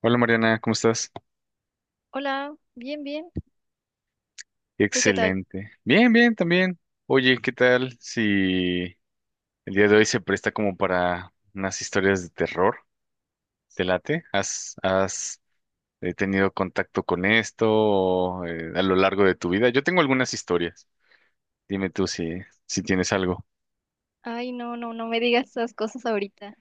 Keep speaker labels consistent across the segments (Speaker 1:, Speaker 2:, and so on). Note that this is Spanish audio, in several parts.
Speaker 1: Hola Mariana, ¿cómo estás?
Speaker 2: Hola, bien, bien. ¿Tú qué tal?
Speaker 1: Excelente. Bien, bien, también. Oye, ¿qué tal si el día de hoy se presta como para unas historias de terror? ¿Te late? ¿Has tenido contacto con esto o, a lo largo de tu vida? Yo tengo algunas historias. Dime tú si tienes algo.
Speaker 2: Ay, no, no, no me digas esas cosas ahorita.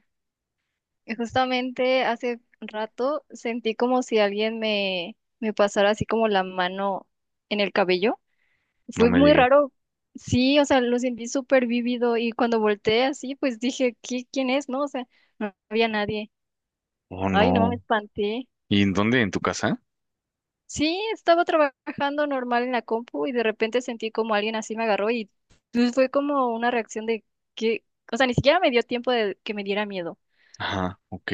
Speaker 2: Justamente hace rato sentí como si alguien me pasara así como la mano en el cabello.
Speaker 1: No
Speaker 2: Fue
Speaker 1: me
Speaker 2: muy
Speaker 1: digas.
Speaker 2: raro. Sí, o sea, lo sentí súper vívido y cuando volteé así, pues dije, ¿qué, quién es? No, o sea, no había nadie.
Speaker 1: Oh,
Speaker 2: Ay, no, me
Speaker 1: no.
Speaker 2: espanté.
Speaker 1: ¿Y en dónde? ¿En tu casa?
Speaker 2: Sí, estaba trabajando normal en la compu y de repente sentí como alguien así me agarró y pues, fue como una reacción de que, o sea, ni siquiera me dio tiempo de que me diera miedo.
Speaker 1: Ajá, ok.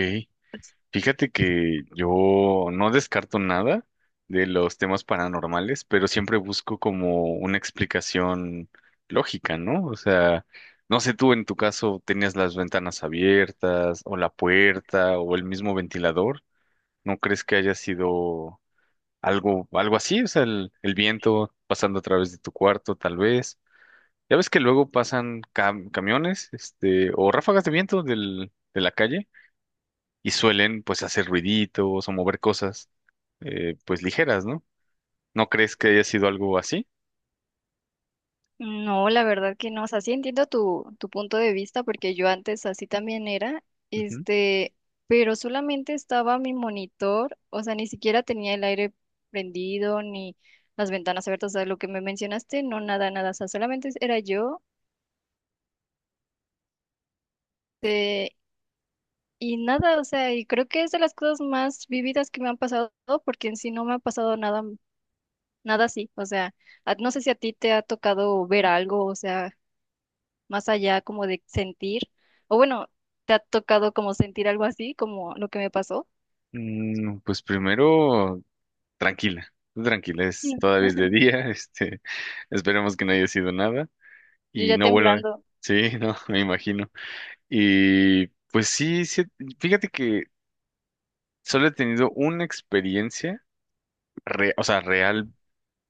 Speaker 2: Pues,
Speaker 1: Fíjate que yo no descarto nada de los temas paranormales, pero siempre busco como una explicación lógica, ¿no? O sea, no sé, tú en tu caso tenías las ventanas abiertas o la puerta o el mismo ventilador, ¿no crees que haya sido algo así? O sea, el viento pasando a través de tu cuarto, tal vez. Ya ves que luego pasan camiones, este, o ráfagas de viento de la calle y suelen pues hacer ruiditos o mover cosas pues ligeras, ¿no? ¿No crees que haya sido algo así?
Speaker 2: no, la verdad que no, o sea, sí entiendo tu punto de vista porque yo antes así también era,
Speaker 1: Ujú.
Speaker 2: este, pero solamente estaba mi monitor, o sea, ni siquiera tenía el aire prendido ni las ventanas abiertas, o sea, lo que me mencionaste, no, nada, nada, o sea, solamente era yo. eh, Y nada, o sea, y creo que es de las cosas más vividas que me han pasado, porque en sí no me ha pasado nada, nada así. O sea, no sé si a ti te ha tocado ver algo, o sea, más allá como de sentir, o bueno, te ha tocado como sentir algo así, como lo que me pasó.
Speaker 1: Pues primero, tranquila, tú tranquila,
Speaker 2: Sí.
Speaker 1: es de día, este, esperemos que no haya sido nada
Speaker 2: Yo
Speaker 1: y
Speaker 2: ya
Speaker 1: no vuelva.
Speaker 2: temblando,
Speaker 1: Sí, no, me imagino. Y pues sí, sí, fíjate que solo he tenido una experiencia, o sea, real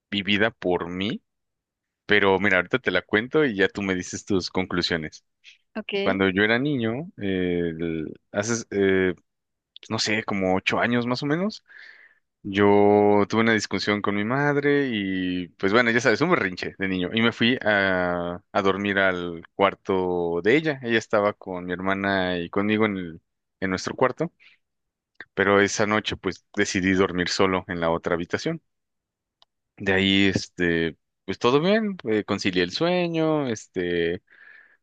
Speaker 1: vivida por mí, pero mira, ahorita te la cuento y ya tú me dices tus conclusiones.
Speaker 2: ok.
Speaker 1: Cuando yo era niño, hace, no sé, como 8 años más o menos, yo tuve una discusión con mi madre y pues bueno, ya sabes, un berrinche de niño. Y me fui a dormir al cuarto de ella. Ella estaba con mi hermana y conmigo en nuestro cuarto, pero esa noche pues decidí dormir solo en la otra habitación. De ahí, este, pues todo bien, concilié el sueño, este,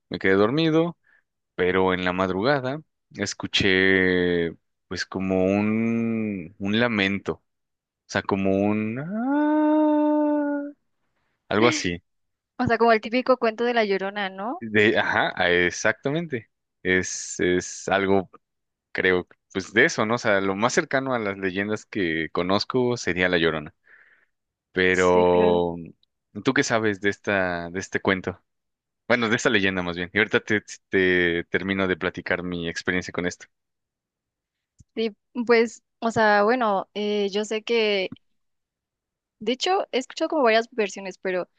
Speaker 1: me quedé dormido. Pero en la madrugada escuché pues como un lamento, o sea, como un "Ah", algo así.
Speaker 2: O sea, como el típico cuento de la Llorona, ¿no?
Speaker 1: Ajá, ah, exactamente. Es algo, creo, pues de eso, ¿no? O sea, lo más cercano a las leyendas que conozco sería La Llorona.
Speaker 2: Sí, claro.
Speaker 1: Pero, ¿tú qué sabes de de este cuento? Bueno, de esta leyenda más bien. Y ahorita te termino de platicar mi experiencia con esto.
Speaker 2: Sí, pues, o sea, bueno, yo sé que, de hecho, he escuchado como varias versiones, pero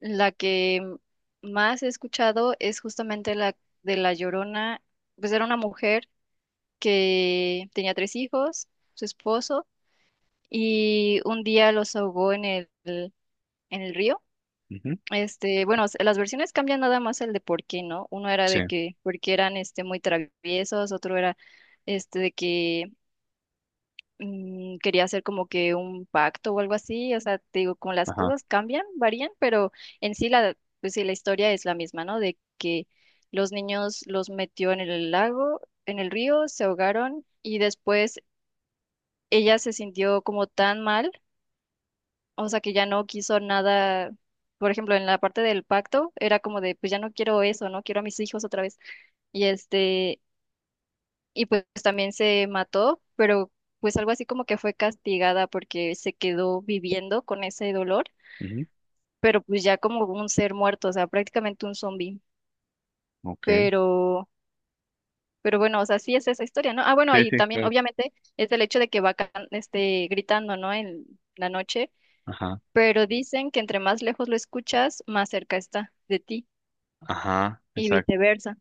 Speaker 2: la que más he escuchado es justamente la de La Llorona. Pues era una mujer que tenía tres hijos, su esposo, y un día los ahogó en en el río.
Speaker 1: Ujú,
Speaker 2: Bueno, las versiones cambian nada más el de por qué, ¿no? Uno era
Speaker 1: sí,
Speaker 2: de que porque eran este muy traviesos, otro era este de que quería hacer como que un pacto o algo así, o sea, te digo, como las
Speaker 1: ajá.
Speaker 2: cosas cambian, varían, pero en sí la, pues sí, la historia es la misma, ¿no? De que los niños los metió en el lago, en el río, se ahogaron y después ella se sintió como tan mal, o sea, que ya no quiso nada. Por ejemplo, en la parte del pacto era como de, pues ya no quiero eso, no quiero a mis hijos otra vez. Y y pues también se mató, pero pues algo así como que fue castigada porque se quedó viviendo con ese dolor,
Speaker 1: Ujú,
Speaker 2: pero pues ya como un ser muerto, o sea, prácticamente un zombie.
Speaker 1: ok.
Speaker 2: Pero, pero bueno, o sea, sí es esa historia, ¿no? Ah, bueno,
Speaker 1: Sí,
Speaker 2: y
Speaker 1: sí,
Speaker 2: también
Speaker 1: claro.
Speaker 2: obviamente es el hecho de que va este, gritando, ¿no? En la noche,
Speaker 1: Ajá,
Speaker 2: pero dicen que entre más lejos lo escuchas, más cerca está de ti
Speaker 1: ajá,
Speaker 2: y
Speaker 1: exacto.
Speaker 2: viceversa.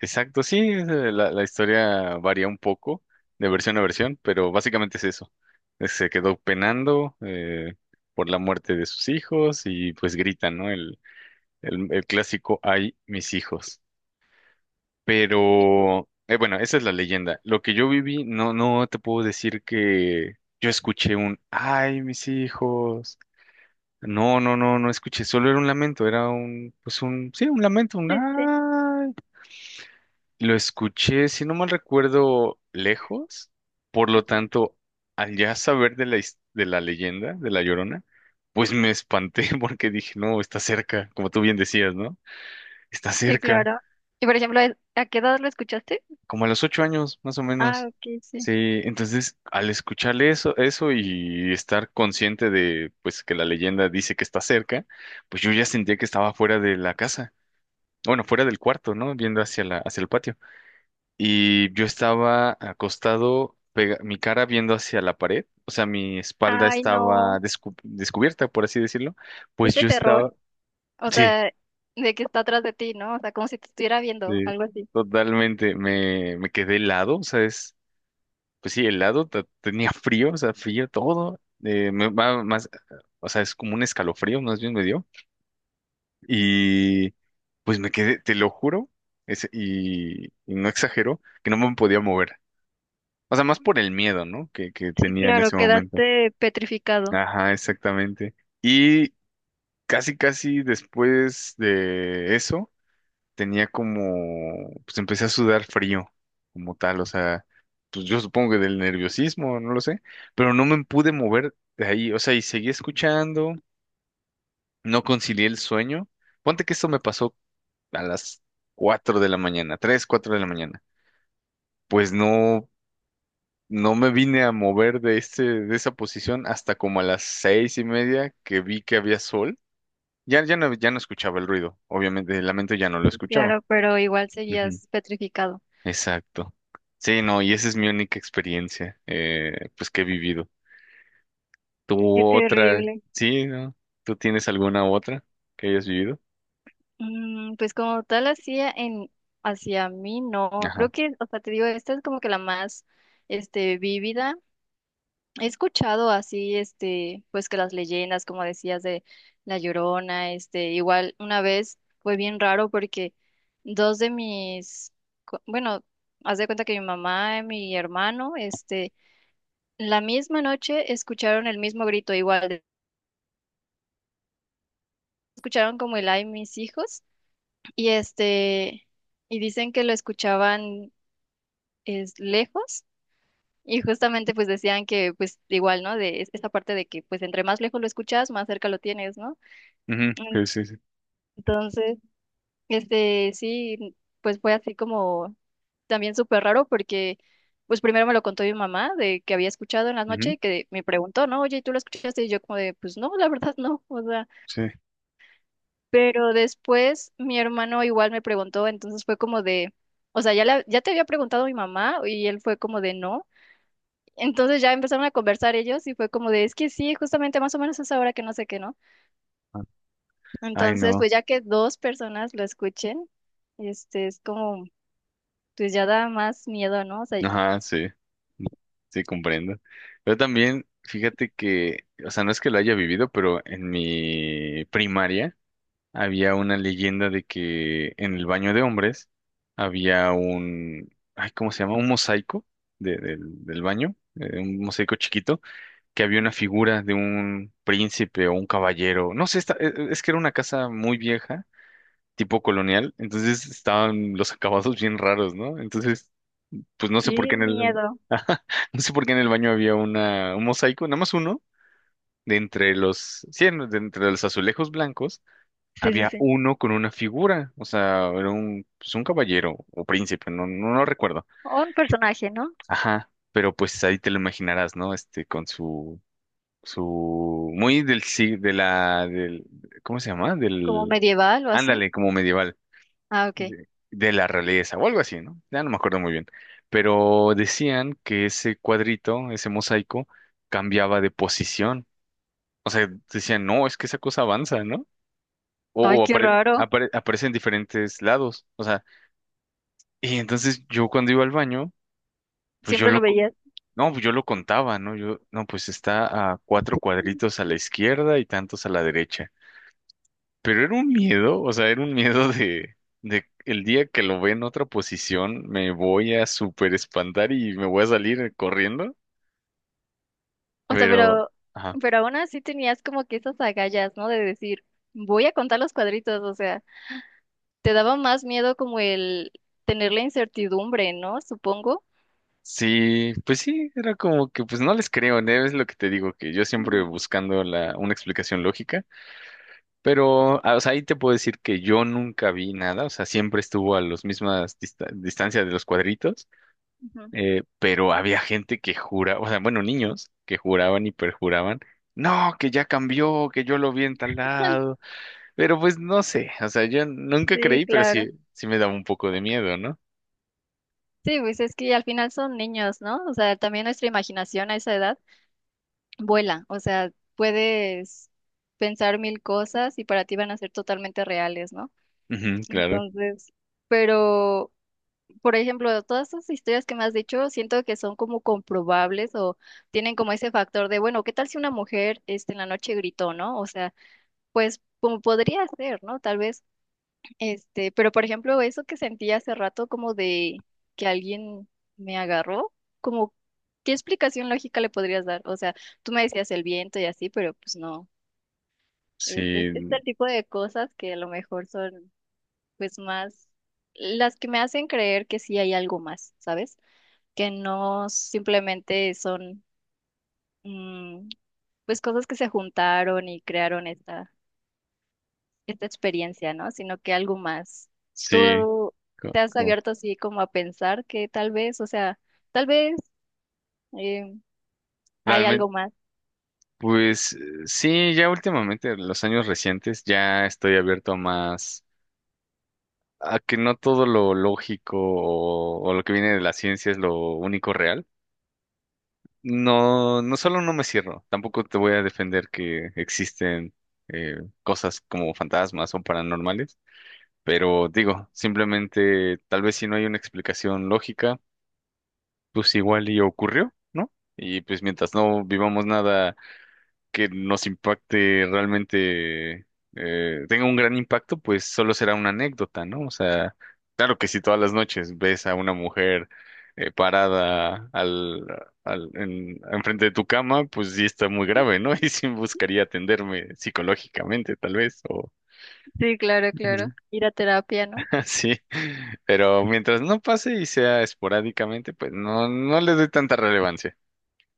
Speaker 1: Exacto, sí, la historia varía un poco de versión a versión, pero básicamente es eso. Se quedó penando por la muerte de sus hijos y pues grita, ¿no? El clásico, ay, mis hijos. Pero, bueno, esa es la leyenda. Lo que yo viví, no, no te puedo decir que yo escuché un, ay, mis hijos. No, no, no, no escuché, solo era un lamento, era un, pues un, sí, un lamento, un,
Speaker 2: Sí, sí,
Speaker 1: ay. Lo escuché, si no mal recuerdo, lejos. Por lo tanto, al ya saber de la leyenda de La Llorona, pues me espanté porque dije, no, está cerca, como tú bien decías, ¿no? Está
Speaker 2: sí,
Speaker 1: cerca,
Speaker 2: claro. Y por ejemplo, ¿a qué edad lo escuchaste?
Speaker 1: como a los 8 años, más o
Speaker 2: Ah,
Speaker 1: menos.
Speaker 2: ok, sí.
Speaker 1: Sí, entonces al escucharle eso y estar consciente de, pues, que la leyenda dice que está cerca, pues yo ya sentía que estaba fuera de la casa, bueno, fuera del cuarto, ¿no? Viendo hacia el patio. Y yo estaba acostado, mi cara viendo hacia la pared, o sea, mi espalda
Speaker 2: Ay,
Speaker 1: estaba
Speaker 2: no,
Speaker 1: descubierta, por así decirlo,
Speaker 2: es
Speaker 1: pues
Speaker 2: de
Speaker 1: yo
Speaker 2: terror.
Speaker 1: estaba,
Speaker 2: O
Speaker 1: sí,
Speaker 2: sea, de que está atrás de ti, ¿no? O sea, como si te estuviera
Speaker 1: sí,
Speaker 2: viendo, algo así.
Speaker 1: totalmente, me quedé helado, o sea, pues sí, helado, tenía frío, o sea, frío todo, me va más, o sea, es como un escalofrío, más bien me dio, y pues me quedé, te lo juro, y no exagero, que no me podía mover. O sea, más por el miedo, ¿no? Que
Speaker 2: Sí,
Speaker 1: tenía en
Speaker 2: claro,
Speaker 1: ese momento.
Speaker 2: quedaste petrificado.
Speaker 1: Ajá, exactamente. Y casi, casi después de eso, tenía como, pues empecé a sudar frío, como tal, o sea, pues yo supongo que del nerviosismo, no lo sé, pero no me pude mover de ahí, o sea, y seguí escuchando, no concilié el sueño. Ponte que esto me pasó a las 4 de la mañana, 3 4 de la mañana. Pues no, no me vine a mover de esa posición hasta como a las 6:30 que vi que había sol. Ya no, ya no escuchaba el ruido, obviamente, el lamento ya no lo escuchaba.
Speaker 2: Claro, pero igual
Speaker 1: Ujú,
Speaker 2: seguías petrificado.
Speaker 1: exacto. Sí, no, y esa es mi única experiencia, pues que he vivido. ¿Tú
Speaker 2: Qué
Speaker 1: otra?
Speaker 2: terrible.
Speaker 1: Sí, ¿no? ¿Tú tienes alguna otra que hayas vivido?
Speaker 2: Mm, pues como tal hacía en hacia mí, no.
Speaker 1: Ajá.
Speaker 2: Creo que, o sea, te digo, esta es como que la más este vívida. He escuchado así, este, pues que las leyendas, como decías, de La Llorona, este, igual una vez fue bien raro porque dos de mis, bueno, haz de cuenta que mi mamá y mi hermano, este, la misma noche escucharon el mismo grito, igual, escucharon como el ay mis hijos, y este, y dicen que lo escuchaban es, lejos. Y justamente pues decían que pues igual, ¿no? De esta parte de que pues entre más lejos lo escuchas, más cerca lo tienes, ¿no?
Speaker 1: Ujú, sí, sí, sí.
Speaker 2: Entonces, este, sí, pues fue así como también súper raro porque, pues primero me lo contó mi mamá de que había escuchado en la noche
Speaker 1: Ujú,
Speaker 2: y que me preguntó, ¿no? Oye, ¿tú lo escuchaste? Y yo como de, pues no, la verdad no, o sea,
Speaker 1: sí.
Speaker 2: pero después mi hermano igual me preguntó, entonces fue como de, o sea, ya, ya te había preguntado mi mamá y él fue como de no. Entonces ya empezaron a conversar ellos y fue como de, es que sí, justamente más o menos es ahora que no sé qué, ¿no?
Speaker 1: Ah, ay,
Speaker 2: Entonces, pues
Speaker 1: no.
Speaker 2: ya que dos personas lo escuchen, este es como. Pues ya da más miedo, ¿no? O sea,
Speaker 1: Ajá, sí. Mm, Sí, comprendo. Yo también, fíjate que, o sea, no es que lo haya vivido, pero en mi primaria, había una leyenda de que en el baño de hombres había ay, ¿cómo se llama? Un mosaico del baño, un mosaico chiquito, que había una figura de un príncipe o un caballero. No sé, es que era una casa muy vieja, tipo colonial, entonces estaban los acabados bien raros, ¿no? Entonces, pues no sé por qué
Speaker 2: qué
Speaker 1: en el,
Speaker 2: miedo.
Speaker 1: Ajá, no sé por qué en el baño había un mosaico, nada más uno. De entre los, sí, de entre los azulejos blancos
Speaker 2: Sí, sí,
Speaker 1: había
Speaker 2: sí.
Speaker 1: uno con una figura, o sea, era pues un caballero o príncipe, no, no lo recuerdo.
Speaker 2: O un personaje, ¿no?
Speaker 1: Ajá, pero pues ahí te lo imaginarás, ¿no? Este, con su, muy del, sí, de la, del, ¿cómo se llama?
Speaker 2: Como
Speaker 1: Del,
Speaker 2: medieval o así.
Speaker 1: ándale, como medieval,
Speaker 2: Ah, ok.
Speaker 1: de la realeza o algo así, ¿no? Ya no me acuerdo muy bien. Pero decían que ese cuadrito, ese mosaico, cambiaba de posición. O sea, decían, no, es que esa cosa avanza, ¿no?
Speaker 2: Ay,
Speaker 1: O, o
Speaker 2: qué
Speaker 1: apare-
Speaker 2: raro.
Speaker 1: apare- aparece en diferentes lados. O sea, y entonces yo cuando iba al baño, pues
Speaker 2: Siempre lo veías.
Speaker 1: no, pues yo lo contaba, ¿no? No, pues está a cuatro cuadritos a la izquierda y tantos a la derecha. Pero era un miedo, o sea, era un miedo de el día que lo ve en otra posición, me voy a súper espantar y me voy a salir corriendo.
Speaker 2: O sea,
Speaker 1: Pero, ajá.
Speaker 2: pero aún así tenías como que esas agallas, ¿no? De decir, voy a contar los cuadritos. O sea, te daba más miedo como el tener la incertidumbre, ¿no? Supongo.
Speaker 1: Sí, pues sí, era como que, pues no les creo, ¿no? Es lo que te digo, que yo
Speaker 2: Ujú,
Speaker 1: siempre buscando una explicación lógica. Pero, ah, o sea, ahí te puedo decir que yo nunca vi nada, o sea, siempre estuvo a las mismas distancias de los cuadritos,
Speaker 2: ujú.
Speaker 1: pero había gente que juraba, o sea, bueno, niños que juraban y perjuraban, no, que ya cambió, que yo lo vi en tal lado, pero pues no sé, o sea, yo nunca
Speaker 2: Sí,
Speaker 1: creí, pero
Speaker 2: claro.
Speaker 1: sí, sí me daba un poco de miedo, ¿no?
Speaker 2: Sí, pues es que al final son niños, ¿no? O sea, también nuestra imaginación a esa edad vuela, o sea, puedes pensar mil cosas y para ti van a ser totalmente reales, ¿no?
Speaker 1: Ujú, claro,
Speaker 2: Entonces, pero, por ejemplo, todas esas historias que me has dicho, siento que son como comprobables o tienen como ese factor de, bueno, ¿qué tal si una mujer, este, en la noche gritó, ¿no? O sea, pues como podría ser, ¿no? Tal vez este, pero por ejemplo, eso que sentí hace rato como de que alguien me agarró, como ¿qué explicación lógica le podrías dar? O sea, tú me decías el viento y así, pero pues no. Es, es
Speaker 1: sí,
Speaker 2: el tipo de cosas que a lo mejor son pues más las que me hacen creer que sí hay algo más, ¿sabes? Que no simplemente son mm, pues cosas que se juntaron y crearon esta esta experiencia, ¿no? Sino que algo más.
Speaker 1: sí,
Speaker 2: Tú
Speaker 1: co-
Speaker 2: te has
Speaker 1: co-
Speaker 2: abierto así como a pensar que tal vez, o sea, tal vez eh, hay
Speaker 1: realmente,
Speaker 2: algo más.
Speaker 1: pues sí, ya últimamente, los años recientes, ya estoy abierto a más a que no todo lo lógico o lo que viene de la ciencia es lo único real. No, no solo no me cierro, tampoco te voy a defender que existen eh, cosas como fantasmas o paranormales, pero digo, simplemente tal vez si no hay una explicación lógica, pues igual y ocurrió, ¿no? Y pues mientras no vivamos nada que nos impacte realmente, tenga un gran impacto, pues solo será una anécdota, ¿no? O sea, claro que si todas las noches ves a una mujer parada enfrente de tu cama, pues sí está muy grave, ¿no? Y sí buscaría atenderme psicológicamente, tal vez, o
Speaker 2: Sí, claro, claro.
Speaker 1: Ujú.
Speaker 2: Ir a terapia, ¿no?
Speaker 1: Así. Pero mientras no pase y sea esporádicamente, pues no, no le doy tanta relevancia.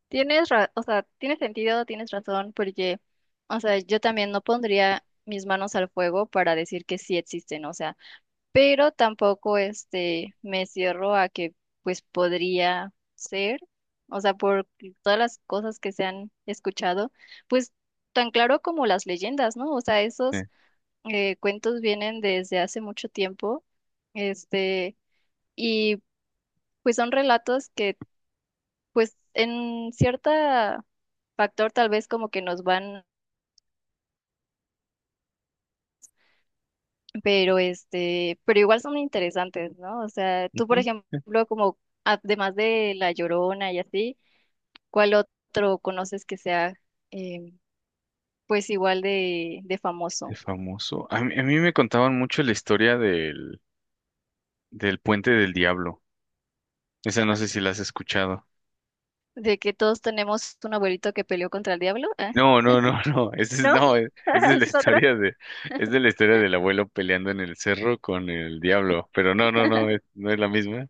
Speaker 2: Tienes, o sea, tiene sentido, tienes razón, porque, o sea, yo también no pondría mis manos al fuego para decir que sí existen, o sea. Pero tampoco este me cierro a que pues podría ser, o sea, por todas las cosas que se han escuchado, pues tan claro como las leyendas, ¿no? O sea,
Speaker 1: Eh,
Speaker 2: esos cuentos vienen desde hace mucho tiempo, este, y pues son relatos que pues en cierta factor tal vez como que nos van pero este, pero igual son interesantes, ¿no? O sea, tú, por
Speaker 1: Ujú.
Speaker 2: ejemplo, como además de La Llorona y así, ¿cuál otro conoces que sea eh, pues igual de
Speaker 1: El
Speaker 2: famoso?
Speaker 1: famoso. A mí, me contaban mucho la historia del Puente del Diablo. Esa no sé si la has escuchado.
Speaker 2: De que todos tenemos un abuelito que peleó contra el diablo, ¿eh?
Speaker 1: No, no, no, no. Esa es,
Speaker 2: ¿No?
Speaker 1: no, es, es de la
Speaker 2: ¿Ese es otro?
Speaker 1: historia de, es de la historia del abuelo peleando en el cerro con el diablo. Pero no, no, no, no es la misma.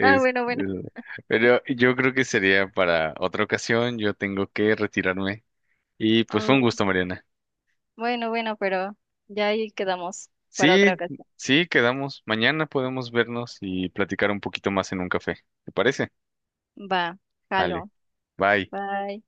Speaker 2: Ah, bueno, bueno.
Speaker 1: es- pero yo creo que sería para otra ocasión. Yo tengo que retirarme. Y pues fue un
Speaker 2: Oh,
Speaker 1: gusto, Mariana.
Speaker 2: bueno, bueno, pero ya ahí quedamos para
Speaker 1: Sí,
Speaker 2: otra ocasión.
Speaker 1: sí, quedamos. Mañana podemos vernos y platicar un poquito más en un café. ¿Te parece?
Speaker 2: Va,
Speaker 1: Dale,
Speaker 2: jalo.
Speaker 1: bye.
Speaker 2: Bye.